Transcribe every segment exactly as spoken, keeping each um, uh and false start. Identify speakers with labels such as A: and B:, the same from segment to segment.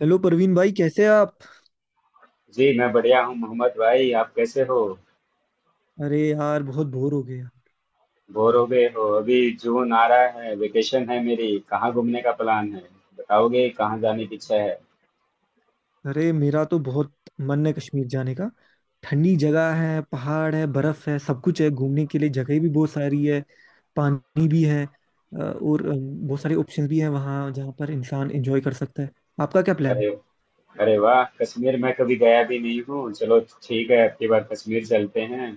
A: Hello Parveen भाई, कैसे हैं आप।
B: जी मैं बढ़िया हूँ मोहम्मद भाई, आप कैसे हो।
A: अरे यार, बहुत बोर हो गया।
B: बोर हो गए हो अभी। जून आ रहा है, वेकेशन है मेरी, कहाँ घूमने का प्लान है। बताओगे कहाँ जाने की इच्छा है।
A: अरे, मेरा तो बहुत मन है कश्मीर जाने का। ठंडी जगह है, पहाड़ है, बर्फ है, सब कुछ है, घूमने के लिए जगह भी बहुत सारी है। पानी भी है, अ, और अ, बहुत सारे ऑप्शंस भी हैं वहाँ जहाँ पर इंसान एंजॉय कर सकता है। आपका क्या प्लान
B: अरे,
A: है?
B: अरे वाह, कश्मीर मैं कभी गया भी नहीं हूँ। चलो ठीक है, अगली बार कश्मीर चलते हैं।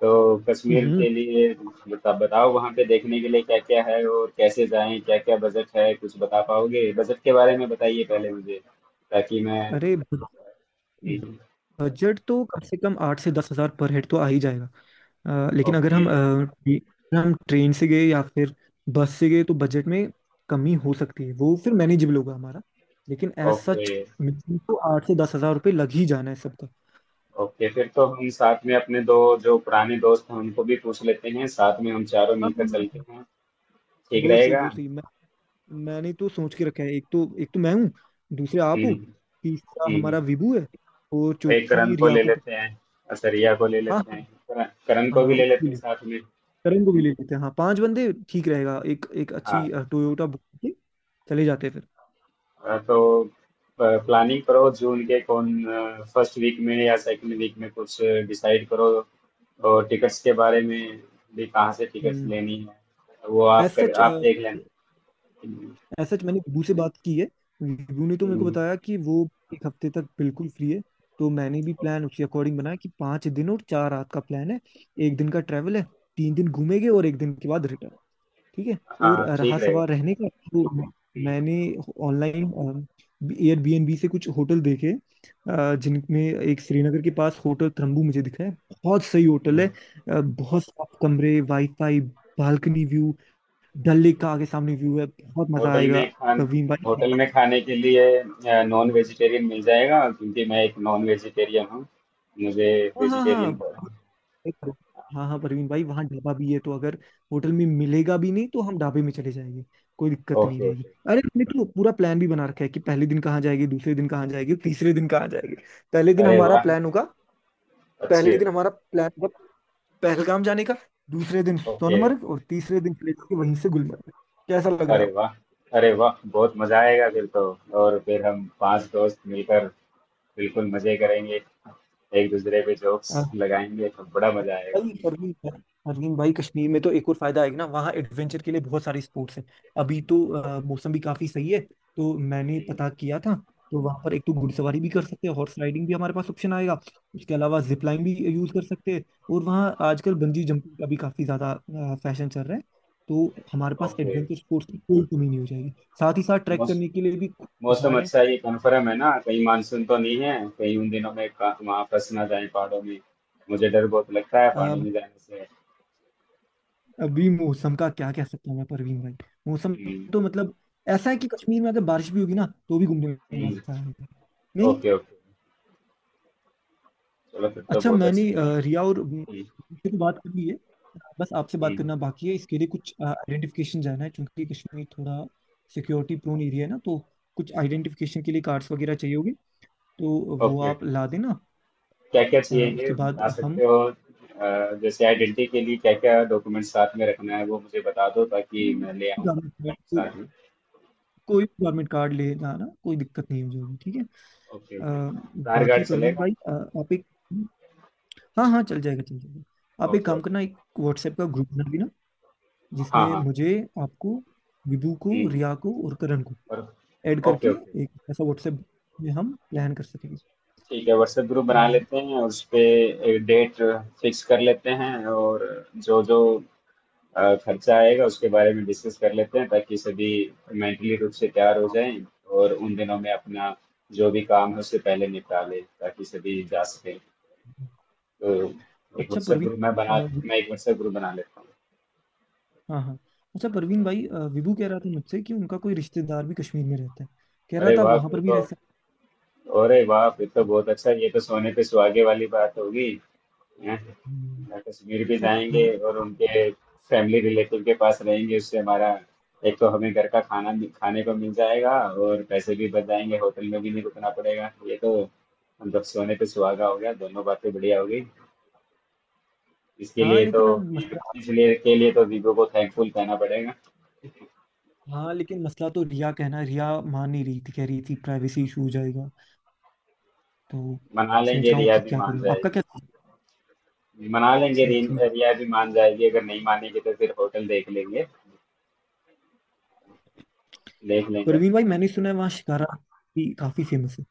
B: तो कश्मीर
A: हम्म।
B: के लिए बता बताओ वहाँ पे देखने के लिए क्या क्या है और कैसे जाएं, क्या क्या बजट है, कुछ बता पाओगे, बजट के बारे में बताइए पहले मुझे, ताकि मैं।
A: अरे, ब-
B: हम्म।
A: बजट तो कम से कम आठ से दस हज़ार पर हेड तो आ ही जाएगा। अ, लेकिन अगर
B: ओके
A: हम अ, ट्रे- हम ट्रेन से गए या फिर बस से गए तो बजट में कमी हो सकती है, वो फिर मैनेजेबल होगा हमारा। लेकिन एज
B: ओके।
A: सच मिनिमम तो आठ से दस हज़ार रुपये लग ही जाना है सबका।
B: ओके, फिर तो हम साथ में अपने दो जो पुराने दोस्त हैं उनको भी पूछ लेते हैं, साथ में हम चारों
A: हाँ,
B: मिलकर चलते हैं। ठीक
A: बहुत सही
B: रहेगा।
A: बहुत सही, मैं मैंने तो सोच के रखा है, एक तो एक तो मैं हूँ। दूसरे आप
B: हम्म।
A: हो। तीसरा हमारा
B: हम्म।
A: विभू है। और
B: एक करण
A: चौथी
B: को
A: रिया
B: ले
A: को।
B: लेते हैं और सरिया को ले
A: हाँ,
B: लेते हैं। करण करण
A: हाँ,
B: को भी
A: हाँ,
B: ले
A: उसके
B: लेते हैं
A: लिए
B: साथ में।
A: करण को भी ले लेते हैं। हाँ, पांच बंदे ठीक रहेगा, एक एक अच्छी
B: हाँ।
A: टोयोटा बुक करके चले जाते हैं फिर।
B: अ, तो प्लानिंग करो, जून के कौन फर्स्ट वीक में या सेकंड वीक में कुछ डिसाइड करो। और टिकट्स के बारे में भी, कहाँ से टिकट्स
A: हम्म।
B: लेनी है वो
A: एज
B: आप कर
A: सच
B: आप देख लेना। हम्म।
A: एज सच मैंने विभू से बात की है। विभू ने तो मेरे को
B: हम्म।
A: बताया कि वो एक हफ्ते तक बिल्कुल फ्री है। तो मैंने भी प्लान उसी अकॉर्डिंग बनाया कि पांच दिन और चार रात का प्लान है। एक दिन का ट्रैवल है, तीन दिन घूमेंगे और एक दिन के बाद रिटर्न। ठीक है। और
B: हाँ ठीक
A: रहा
B: रहेगा।
A: सवाल रहने का तो मैंने
B: ठीक
A: ऑनलाइन एयरबीएनबी से कुछ होटल देखे, अ, जिनमें एक श्रीनगर के पास होटल त्रंबू मुझे दिखा है। बहुत सही
B: है।
A: होटल है, अ, बहुत साफ कमरे, wifi, balcony view, Dal Lake का आगे सामने व्यू है, बहुत मजा
B: होटल
A: आएगा
B: में खान
A: प्रवीण भाई।
B: होटल में खाने के लिए नॉन वेजिटेरियन मिल जाएगा, क्योंकि मैं एक नॉन वेजिटेरियन हूँ। मुझे
A: हाँ, हाँ,
B: वेजिटेरियन का।
A: हाँ, एक- पर- हाँ, हाँ, परवीन भाई वहाँ ढाबा भी है तो अगर होटल में मिलेगा भी नहीं तो हम ढाबे में चले जाएंगे, कोई दिक्कत नहीं
B: ओके
A: रहेगी।
B: ओके।
A: अरे, हमने तो पूरा प्लान भी बना रखा है कि पहले दिन कहाँ जाएंगे, दूसरे दिन कहाँ जाएंगे, तीसरे दिन कहाँ जाएंगे। पहले दिन
B: अरे
A: हमारा
B: वाह,
A: प्लान होगा
B: अच्छी।
A: पहले दिन हमारा प्लान होगा पहलगाम जाने का। दूसरे दिन
B: ओके,
A: सोनमर्ग और तीसरे दिन चले जाएंगे वहीं से गुलमर्ग। कैसा लग रहा
B: अरे
A: है
B: वाह, अरे वाह, बहुत मजा आएगा फिर तो। और फिर हम पांच दोस्त मिलकर बिल्कुल मजे करेंगे, एक दूसरे पे जोक्स
A: आपको?
B: लगाएंगे तो बड़ा मजा आएगा।
A: परवीन परवीन भाई परवीन भाई कश्मीर में तो एक और फायदा आएगा ना, वहाँ एडवेंचर के लिए बहुत सारी स्पोर्ट्स हैं। अभी तो अ, मौसम भी काफी सही है तो मैंने
B: ओके
A: पता किया था। तो वहाँ पर एक तो घुड़सवारी भी कर सकते हैं, हॉर्स राइडिंग भी हमारे पास ऑप्शन आएगा। उसके अलावा जिप लाइन भी यूज कर सकते हैं। और वहाँ आजकल बंजी जंपिंग का भी काफी ज्यादा फैशन चल रहा है। तो हमारे पास
B: ओके।
A: एडवेंचर स्पोर्ट्स की कोई कमी नहीं हो जाएगी। साथ ही साथ ट्रैक करने के लिए भी
B: मौसम
A: पहाड़
B: अच्छा है, ये कन्फर्म है ना, कहीं मानसून तो नहीं है, कहीं उन दिनों में का- वहां फंस ना जाए पहाड़ों में। मुझे डर बहुत लगता है पहाड़ों
A: है।
B: में जाने से।
A: अभी मौसम का क्या कह सकता हूँ मैं परवीन भाई। मौसम
B: हम्म।
A: तो मतलब ऐसा है कि कश्मीर में अगर बारिश भी होगी ना तो भी घूमने में
B: हम्म।
A: मजा आएगा। नहीं।
B: ओके ओके, चलो फिर तो
A: अच्छा,
B: बहुत अच्छा
A: मैंने अ,
B: रहेगा।
A: रिया और अम,
B: हम्म।
A: से तो बात कर ली है। बस आपसे बात
B: हम्म।
A: करना बाकी है। इसके लिए कुछ आइडेंटिफिकेशन जाना है क्योंकि कश्मीर थोड़ा सिक्योरिटी प्रोन एरिया है ना, तो कुछ आइडेंटिफिकेशन के लिए कार्ड्स वगैरह चाहिए होंगे, तो वो
B: ओके ओके,
A: आप ला देना।
B: क्या क्या
A: अ,
B: चाहिए ये
A: उसके बाद
B: बता
A: हम
B: सकते हो। अ, जैसे आइडेंटिटी के लिए क्या क्या डॉक्यूमेंट साथ में रखना है वो मुझे बता दो, ताकि मैं ले आऊँ
A: गवर्नमेंट
B: साथ में।
A: कोई गवर्नमेंट कार्ड ले जाना, कोई दिक्कत नहीं हो जाएगी, ठीक है।
B: ओके ओके,
A: अ,
B: आधार कार्ड
A: बाकी प्रवीण
B: चलेगा।
A: भाई, अ, आप एक हाँ, हाँ, चल जाएगा चल जाएगा। आप एक
B: ओके
A: काम
B: ओके।
A: करना, एक व्हाट्सएप का ग्रुप बना लेना,
B: हाँ
A: जिसमें
B: हाँ।
A: मुझे, आपको, विभू को,
B: हम्म।
A: रिया को और करण को
B: और।
A: ऐड
B: ओके
A: करके
B: ओके।
A: एक ऐसा व्हाट्सएप में हम प्लान कर सकेंगे।
B: ठीक है, व्हाट्सएप ग्रुप
A: अ,
B: बना लेते हैं और उस पे एक डेट फिक्स कर लेते हैं, और जो जो अ, खर्चा आएगा उसके बारे में डिस्कस कर लेते हैं ताकि सभी मेंटली रूप से तैयार हो जाएं, और उन दिनों में अपना जो भी काम है उससे पहले निपटा लें ताकि सभी जा सके। तो एक
A: अच्छा
B: व्हाट्सएप
A: प्रवीण
B: ग्रुप मैं बना,
A: अ,
B: मैं एक व्हाट्सएप ग्रुप बना लेता हूँ।
A: हाँ, हाँ, अच्छा प्रवीण भाई, अ, विभू कह रहा था मुझसे कि उनका कोई रिश्तेदार भी कश्मीर में रहता है, कह रहा
B: अरे
A: था
B: वाह,
A: वहां
B: फिर
A: पर भी
B: तो,
A: रह सकते
B: अरे बाप, ये तो बहुत अच्छा, ये तो सोने पे सुहागे वाली बात होगी। हैं?
A: हैं।
B: ना, कश्मीर भी
A: बट
B: जाएंगे और उनके फैमिली रिलेटिव के पास रहेंगे, उससे हमारा एक तो हमें घर का खाना भी- खाने को मिल जाएगा, और पैसे भी बच जाएंगे, होटल में भी नहीं रुकना पड़ेगा, ये तो मतलब सोने पे सुहागा हो गया, दोनों बातें बढ़िया हो गई। इसके
A: हाँ,
B: लिए तो,
A: लेकिन अब मसला
B: इसलिए के लिए तो वीवो को थैंकफुल कहना पड़ेगा।
A: हाँ लेकिन मसला तो, रिया कहना, रिया मान नहीं रही थी, कह रही थी प्राइवेसी इशू हो जाएगा, तो
B: मना
A: सोच
B: लेंगे,
A: रहा हूँ
B: रिया
A: कि
B: भी
A: क्या
B: मान
A: करूँ आपका
B: जाएगी।
A: क्या।
B: मना लेंगे,
A: ठीक,
B: रि-
A: ठीक।
B: रिया भी मान जाएगी। अगर नहीं मानेगी तो फिर होटल देख लेंगे, देख लेंगे।
A: परवीन भाई मैंने सुना है वहाँ शिकारा भी काफी फेमस है,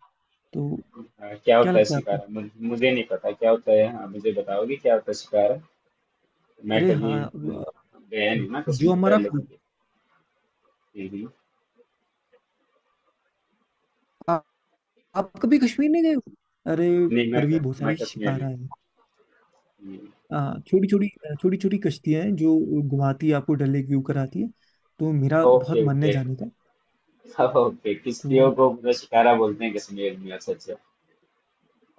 A: तो
B: हाँ, क्या
A: क्या
B: होता है
A: लगता है आपको?
B: शिकारा, मुझ- मुझे नहीं पता क्या होता है। हाँ मुझे बताओगी क्या होता है शिकारा। मैं
A: अरे
B: कभी
A: हाँ, अ,
B: गया नहीं ना
A: जो
B: कश्मीर
A: हमारा
B: पहले कभी। हम्म।
A: आ, आप कभी कश्मीर नहीं गए हो? अरे
B: नहीं, मैं क-
A: परवीन, बहुत
B: मैं
A: सारी
B: कश्मीर नहीं।
A: शिकारा है,
B: हम्म।
A: छोटी छोटी छोटी छोटी कश्तियां हैं जो घुमाती है, आपको डल लेक व्यू कराती है, तो मेरा बहुत
B: ओके
A: मन है
B: ओके।
A: जाने का।
B: हाँ, ओके, किश्तियों
A: तो
B: को मतलब शिकारा बोलते हैं कश्मीर में, अच्छा अच्छा।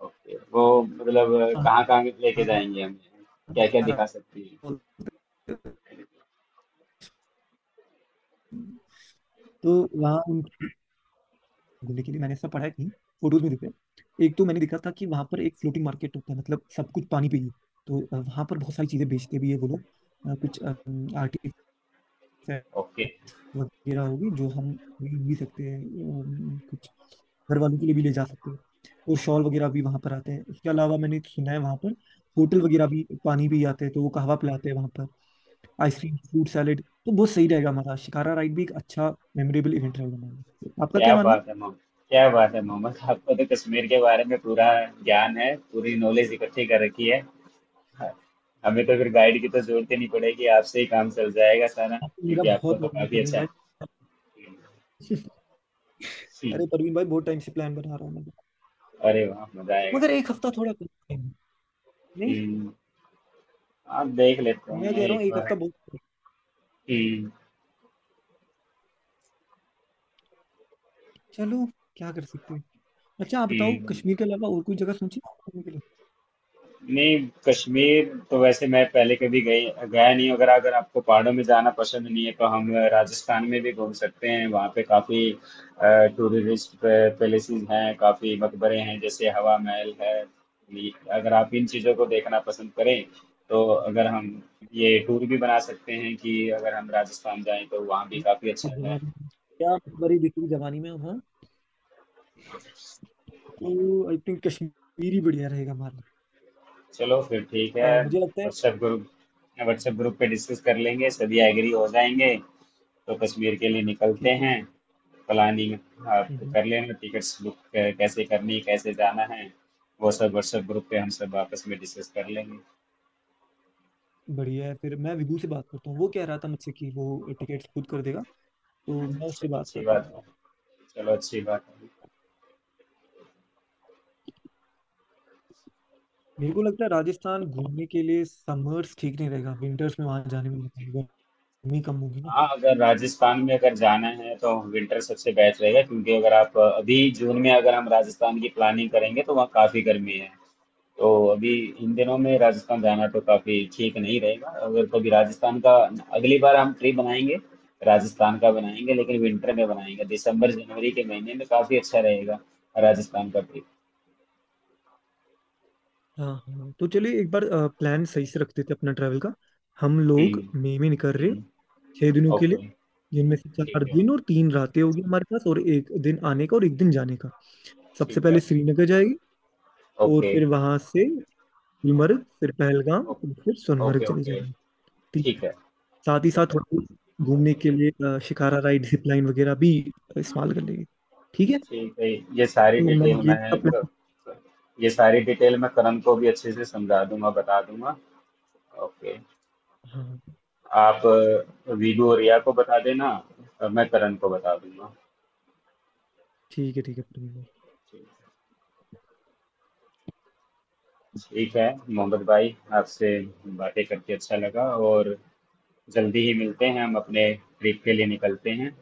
B: ओके वो मतलब
A: हाँ,
B: कहाँ कहाँ लेके
A: हाँ,
B: जाएंगे हमें, क्या क्या
A: शिकारा
B: दिखा सकती है।
A: बोलते हैं। तो वहाँ घूमने के लिए मैंने ऐसा पढ़ा है कहीं फोटोज में दिखे, एक तो मैंने देखा था कि वहां पर एक फ्लोटिंग मार्केट होता है, मतलब सब कुछ पानी पे ही है। तो अ, वहां पर बहुत सारी चीजें बेचते भी है वो लोग, अ, कुछ आर्टिफैक्ट
B: ओके।
A: वगैरह होगी जो हम खरीद भी सकते हैं, अम, कुछ घर वालों के लिए भी ले जा सकते हैं। और शॉल वगैरह भी वहां पर आते हैं। इसके अलावा मैंने सुना है वहां पर होटल वगैरह भी पानी भी आते हैं तो वो कहवा पिलाते हैं वहां पर, आइसक्रीम, फ्रूट सैलेड, तो बहुत सही रहेगा। हमारा शिकारा राइड भी एक अच्छा मेमोरेबल इवेंट रहेगा हमारा, आपका
B: क्या
A: क्या मानना
B: बात
A: है?
B: है मोहम्मद, क्या बात है मोहम्मद, आपको तो कश्मीर के बारे में पूरा ज्ञान है, पूरी नॉलेज इकट्ठी कर रखी है। हाँ, हमें तो फिर गाइड की तो जरूरत ही नहीं पड़ेगी, आपसे ही काम चल जाएगा सारा,
A: मेरा
B: क्योंकि आपको
A: बहुत
B: तो
A: मन है
B: काफी
A: परवीन
B: अच्छा है।
A: भाई।
B: हम्म।
A: अरे परवीन भाई बहुत टाइम से प्लान बना रहा हूँ मैं।
B: अरे वाह, मजा आएगा
A: मगर
B: फिर
A: एक
B: तो।
A: हफ्ता थोड़ा कम time है। नहीं,
B: हम्म। आप देख लेते
A: मैं
B: हैं
A: कह रहा हूँ
B: एक
A: एक
B: बार।
A: हफ्ता बहुत है।
B: हम्म।
A: चलो, क्या कर सकते हैं। अच्छा आप बताओ
B: हम्म।
A: कश्मीर के अलावा और कोई जगह सोची है घूमने के
B: नहीं, कश्मीर तो वैसे मैं पहले कभी गई, गया नहीं हूं। अगर अगर आपको पहाड़ों में जाना पसंद नहीं है तो हम राजस्थान में भी घूम सकते हैं, वहाँ पे काफी टूरिस्ट पैलेसेस हैं, काफी मकबरे हैं, जैसे हवा महल है। ये- अगर आप इन चीजों को देखना पसंद करें तो अगर हम ये टूर भी बना सकते हैं, कि अगर हम राजस्थान जाएं तो वहाँ भी काफी
A: लिए?
B: अच्छा है।
A: जवानी में क्या बड़ी बिखरी जवानी में हम, हाँ, तो आई थिंक कश्मीर ही बढ़िया रहेगा हमारे लिए।
B: चलो फिर ठीक है,
A: अ, मुझे लगता है
B: व्हाट्सएप ग्रुप, व्हाट्सएप ग्रुप पे डिस्कस कर लेंगे, सभी एग्री हो जाएंगे तो कश्मीर के लिए निकलते
A: ठीक है।
B: हैं। प्लानिंग आप
A: हम्म,
B: कर लेना, टिकट्स बुक कैसे करनी, कैसे जाना है, वो सब व्हाट्सएप ग्रुप पे हम सब आपस में डिस्कस कर लेंगे।
A: बढ़िया है, फिर मैं विभू से बात करता हूँ, वो कह रहा था मुझसे कि वो टिकट खुद कर देगा, तो मैं उससे
B: चलो
A: बात
B: अच्छी
A: करता
B: बात है,
A: हूँ।
B: चलो अच्छी बात है।
A: मेरे को लगता है राजस्थान घूमने के लिए समर्स ठीक नहीं रहेगा, विंटर्स में वहां जाने में मजा आएगा, गर्मी कम होगी ना।
B: हाँ अगर राजस्थान में अगर जाना है तो विंटर सबसे बेस्ट रहेगा, क्योंकि अगर आप अभी जून में अगर हम राजस्थान की प्लानिंग करेंगे तो वहाँ काफ़ी गर्मी है। तो अभी इन दिनों में राजस्थान जाना तो काफी ठीक नहीं रहेगा। अगर कभी राजस्थान का, अगली बार हम ट्रिप बनाएंगे राजस्थान का बनाएंगे, लेकिन विंटर में बनाएंगे, दिसंबर जनवरी के महीने में काफी अच्छा रहेगा राजस्थान का ट्रिप।
A: हाँ, हाँ, तो चलिए एक बार प्लान सही से रखते थे अपना ट्रैवल का। हम लोग मई
B: हम्म।
A: में निकल रहे हैं,
B: हम्म।
A: छह दिनों के लिए,
B: ओके।
A: जिनमें से
B: ठीक
A: चार
B: है।
A: दिन और तीन रातें होगी हमारे पास और एक दिन आने का और एक दिन जाने का। सबसे
B: ठीक
A: पहले
B: है।
A: श्रीनगर जाएगी, और
B: ओके।
A: फिर वहां से गुलमर्ग, फिर पहलगाम
B: ओ-
A: और फिर सोनमर्ग
B: ओके
A: चले
B: ओके।
A: जाएंगे। ठीक,
B: ठीक है।
A: साथ ही साथ
B: ठीक है।
A: थोड़ा बहुत घूमने के लिए अ, शिकारा राइड, जिप लाइन वगैरह भी इस्तेमाल कर लेंगे। ठीक है,
B: ठीक है, ये सारी
A: तो मैं
B: डिटेल
A: ये
B: मैं,
A: इसका
B: क-
A: plan-
B: ये सारी डिटेल मैं करण को भी अच्छे से समझा दूंगा, बता दूंगा। ओके,
A: हाँ, हाँ,
B: आप अ, वीडू और रिया को बता देना, और मैं करण को बता दूंगा।
A: ठीक है ठीक है प्रवीण भाई।
B: ठीक है मोहम्मद भाई, आपसे बातें करके अच्छा लगा, और जल्दी ही मिलते हैं हम, अपने ट्रिप के लिए निकलते हैं।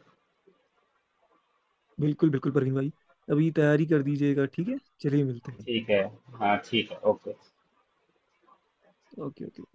A: बिल्कुल बिल्कुल प्रवीण भाई, अभी तैयारी कर दीजिएगा, ठीक है, चलिए मिलते हैं।
B: ठीक है। हाँ ठीक है, ओके।
A: Okay, okay.